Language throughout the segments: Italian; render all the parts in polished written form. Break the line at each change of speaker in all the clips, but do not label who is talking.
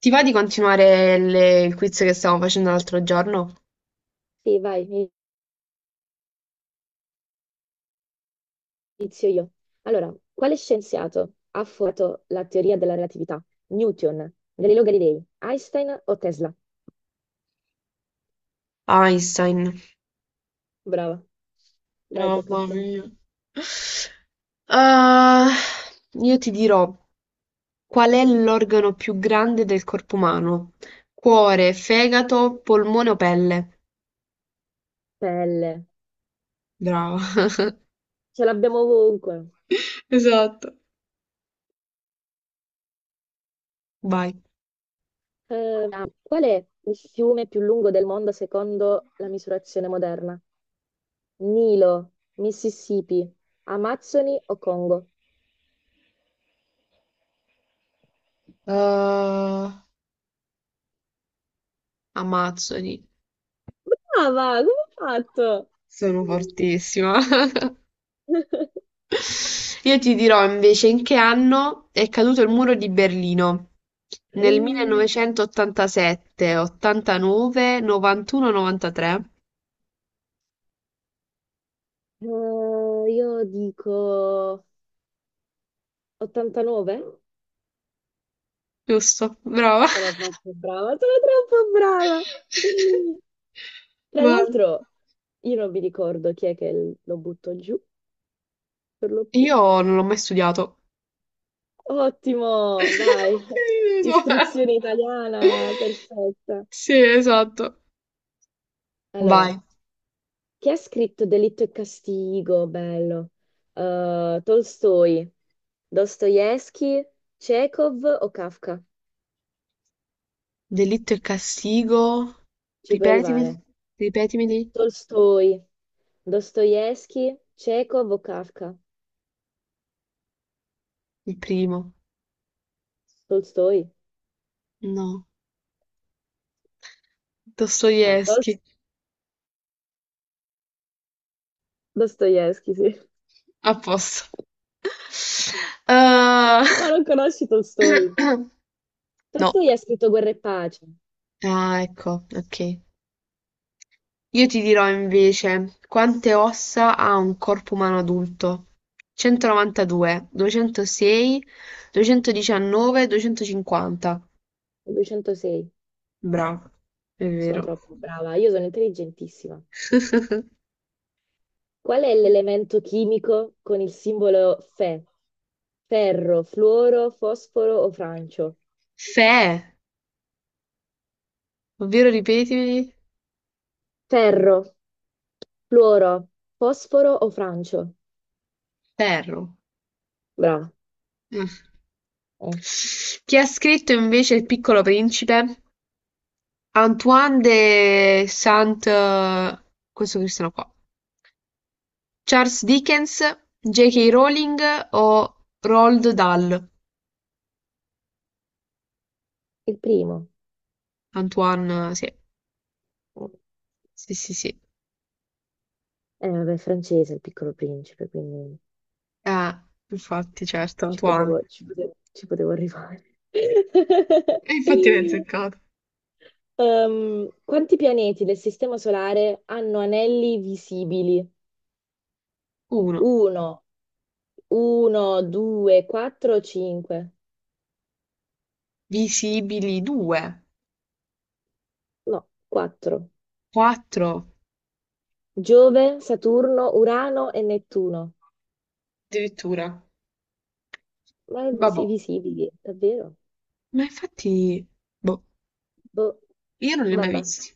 Ti va di continuare il quiz che stavamo facendo l'altro giorno?
Sì, vai, inizio io. Allora, quale scienziato ha formato la teoria della relatività? Newton, Galileo Galilei, Einstein o Tesla?
Einstein.
Brava, vai, tocca a
Mamma
te.
mia. Ah, io ti dirò qual è l'organo più grande del corpo umano? Cuore, fegato, polmone o pelle?
Pelle,
Brava.
ce l'abbiamo ovunque.
Esatto. Vai.
Eh, Qual è il fiume più lungo del mondo secondo la misurazione moderna? Nilo, Mississippi, Amazzoni o Congo?
Ah, ammazzoli.
Brava, come hai fatto?
Sono fortissima. Io ti dirò invece in che anno è caduto il muro di Berlino. Nel 1987, 89, 91, 93.
Io dico 89?
Giusto, brava.
Sono troppo brava, sono troppo brava. Tra
Ma...
l'altro, io non mi ricordo chi è che lo butto giù per lo più.
Io non l'ho mai studiato.
Ottimo, vai.
Non lo so.
Istruzione italiana, perfetta.
Sì, esatto. Vai.
Allora, chi ha scritto Delitto e Castigo? Bello. Tolstoi, Dostoevsky, Chekhov o Kafka?
Delitto e castigo.
Ci puoi
Ripetimi,
arrivare.
ripetimeli.
Tolstoi, Dostoevsky, Chekhov o Kafka?
Il primo.
Tolstoi.
No.
Eh, Tolst-
Dostoevsky.
Dostoevsky, sì.
A posto. Uhm,
Ma non conosci Tolstoi?
no.
Tolstoi ha scritto Guerra e Pace, il
Ah, ecco, okay. Io ti dirò invece quante ossa ha un corpo umano adulto. 192, 206, 219, 250.
206.
Bravo, è
Sono
vero.
troppo brava, io sono intelligentissima. Qual è l'elemento chimico con il simbolo Fe? Ferro, fluoro, fosforo o francio?
Fe, ovvero ripetimi,
Ferro, fluoro, fosforo o francio?
ferro.
Brava.
Mm.
Eh,
Chi ha scritto invece Il Piccolo Principe? Principe? Antoine de Saint... questo Cristiano qua. Charles Dickens, J. K. Rowling o Roald Dahl?
il primo.
Antoine, sì, sì, sì, sì.
Vabbè, francese, il piccolo principe, quindi...
Eh, infatti,
Cioè,
certo, Antoine.
ci potevo arrivare.
E infatti l'hai azzeccato.
Quanti pianeti del Sistema Solare hanno anelli visibili?
1,
Uno, uno, due, quattro, cinque.
visibili 2,
No, quattro.
4,
Giove, Saturno, Urano e Nettuno.
addirittura,
Ma sì,
vabbè.
visibili, davvero?
Ma infatti, boh,
Boh,
io non li ho mai
vabbè.
visti.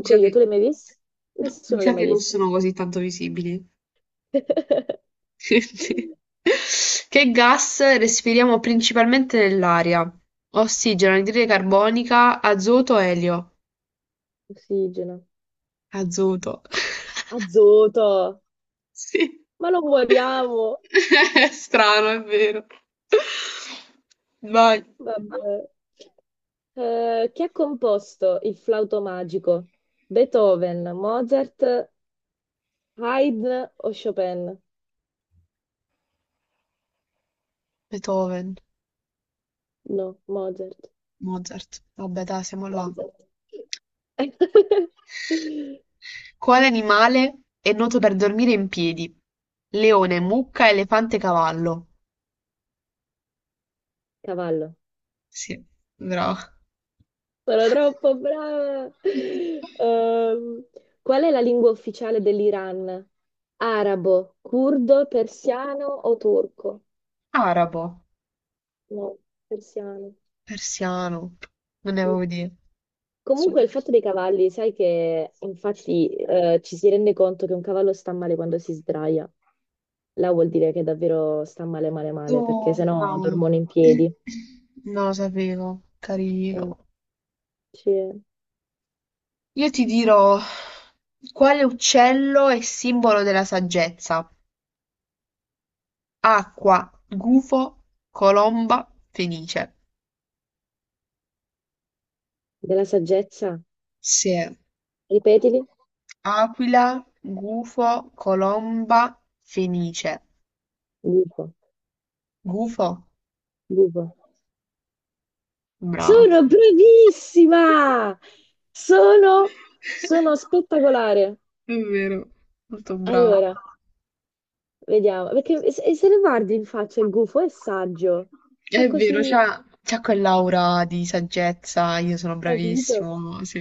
Mi sa che,
io, tu li hai mai visti?
no, mi
Nessuno li
sa
ha mai
che non
visti.
sono così tanto visibili. Quindi, che gas respiriamo principalmente nell'aria? Ossigeno, anidride carbonica, azoto, elio.
Ossigeno.
Azoto.
Azoto.
Sì.
Ma non moriamo!
È strano, è vero. Vai.
Vabbè. Chi ha composto il flauto magico? Beethoven, Mozart, Haydn o Chopin?
Beethoven,
No, Mozart.
Mozart. Vabbè, dai, siamo là.
Mozart.
Quale animale è noto per dormire in piedi? Leone, mucca, elefante, cavallo.
Cavallo.
Sì, brava.
Sono troppo brava. Qual è la lingua ufficiale dell'Iran? Arabo, curdo, persiano o turco?
Arabo,
No, persiano.
persiano, non ne
Sì.
avevo idea. Su-
Comunque il fatto dei cavalli, sai che infatti ci si rende conto che un cavallo sta male quando si sdraia. Là vuol dire che davvero sta male male male, perché sennò
no.
dormono in piedi.
Non lo sapevo, carino.
Mm, sì.
Io ti dirò quale uccello è simbolo della saggezza? Acqua, gufo, colomba, fenice;
Della saggezza,
se,
ripetili.
aquila, gufo, colomba, fenice,
Buffo,
gufo,
buffo.
bravo.
Sono bravissima! Sono, Sono spettacolare.
È vero, molto brava.
Allora, vediamo, perché se lo guardi in faccia il gufo è saggio. Fa
È vero,
così,
c'ha quell'aura di saggezza, io sono
capito?
bravissimo, sì.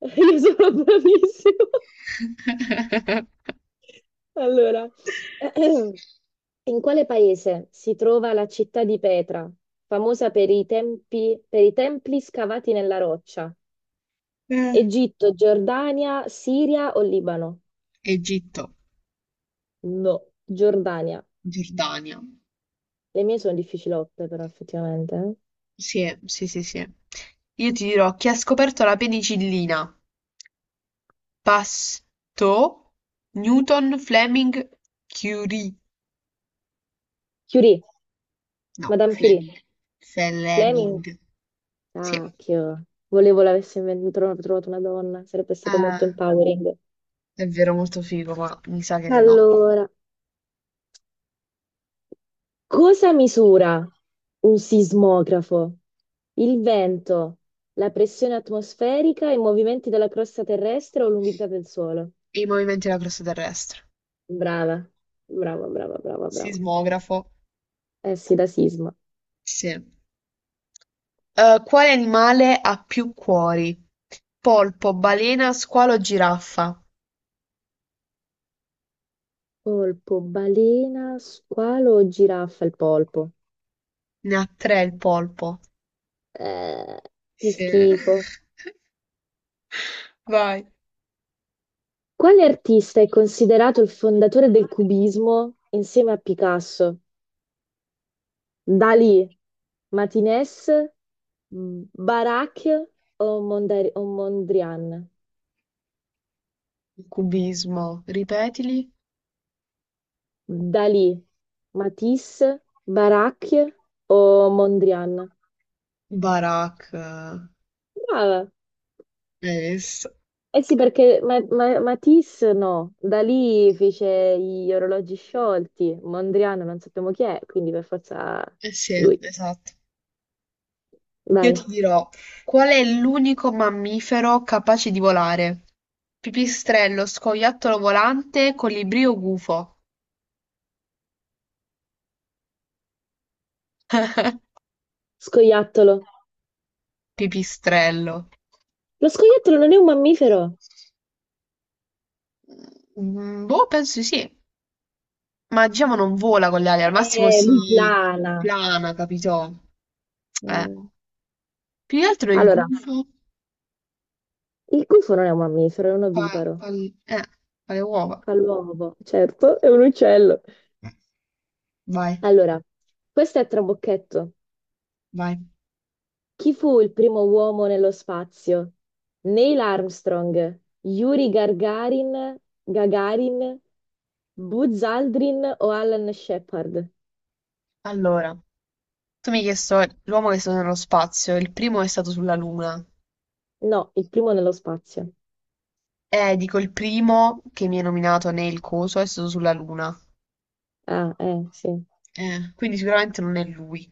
Io sono bravissimo. Allora, in quale paese si trova la città di Petra, famosa per i per i templi scavati nella roccia?
Eh,
Egitto, Giordania, Siria o Libano?
Egitto.
No, Giordania.
Giordania.
Le mie sono difficilotte, però, effettivamente, eh.
Sì, sì, sì, sì. Io ti dirò chi ha scoperto la penicillina? Pasteur, Newton, Fleming, Curie.
Curie,
No,
Madame Curie.
Fleming.
Fleming,
Fleming. Sì.
cacchio. Volevo l'avessi trovato una donna, sarebbe stato molto
Ah,
empowering.
è vero, molto figo, ma mi sa che no.
Allora, cosa misura un sismografo? Il vento, la pressione atmosferica, i movimenti della crosta terrestre o l'umidità del suolo?
I movimenti della crosta terrestre.
Brava, brava, brava, brava, brava.
Sismografo.
Eh sì, da sisma.
Sì. Quale animale ha più cuori? Polpo, balena, squalo, giraffa.
Polpo, balena, squalo o giraffa? Il polpo.
Ne ha tre il polpo.
Eh, che
Sì.
schifo.
Vai.
Quale artista è considerato il fondatore del cubismo insieme a Picasso? Dalì, Martinez, Barak o, Mondrian?
Il cubismo, ripetili.
Dalì, Matisse, Barak o Mondrian?
Barak.
Brava.
Hai visto?
Eh sì, perché Matisse no, Dalì fece gli orologi sciolti, Mondrian non sappiamo chi è, quindi per forza
Eh sì,
lui.
esatto. Io ti
Vai,
dirò, qual è l'unico mammifero capace di volare? Pipistrello, scoiattolo volante, colibrì o gufo?
scoiattolo.
Pipistrello.
Lo scoiattolo non è un mammifero.
Mm, boh, penso di sì. Ma il Gemo non vola con le ali, al massimo
Lui
si
plana.
plana, capito? Eh.
Mm.
Più che altro il
Allora,
gufo
il gufo non è un mammifero, è un
fa,
oviparo.
fa l- eh, fa le uova.
Fa l'uovo, certo, è un uccello.
Vai,
Allora, questo è a trabocchetto.
vai.
Chi fu il primo uomo nello spazio? Neil Armstrong, Gagarin, Buzz Aldrin o Alan Shepard?
Allora, tu mi hai chiesto l'uomo che è stato nello spazio, il primo è stato sulla Luna.
No, il primo nello spazio.
Dico il primo che mi hai nominato nel coso è stato sulla Luna.
Ah, sì.
Quindi sicuramente non è lui.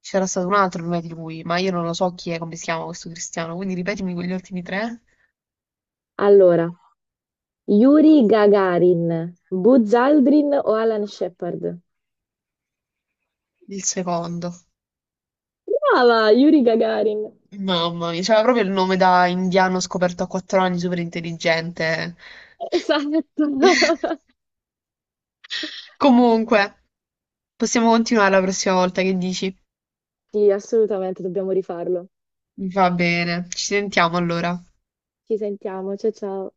C'era stato un altro prima di lui, ma io non lo so chi è, come si chiama questo cristiano, quindi ripetimi quegli ultimi tre.
Allora, Yuri Gagarin, Buzz Aldrin o Alan Shepard?
Il secondo.
Brava, Yuri Gagarin.
Mamma mia, c'aveva proprio il nome da indiano scoperto a 4 anni, super intelligente.
Esatto.
Comunque, possiamo continuare la prossima volta, che dici?
Sì, assolutamente, dobbiamo rifarlo.
Va bene, ci sentiamo allora.
Ci sentiamo, ciao ciao.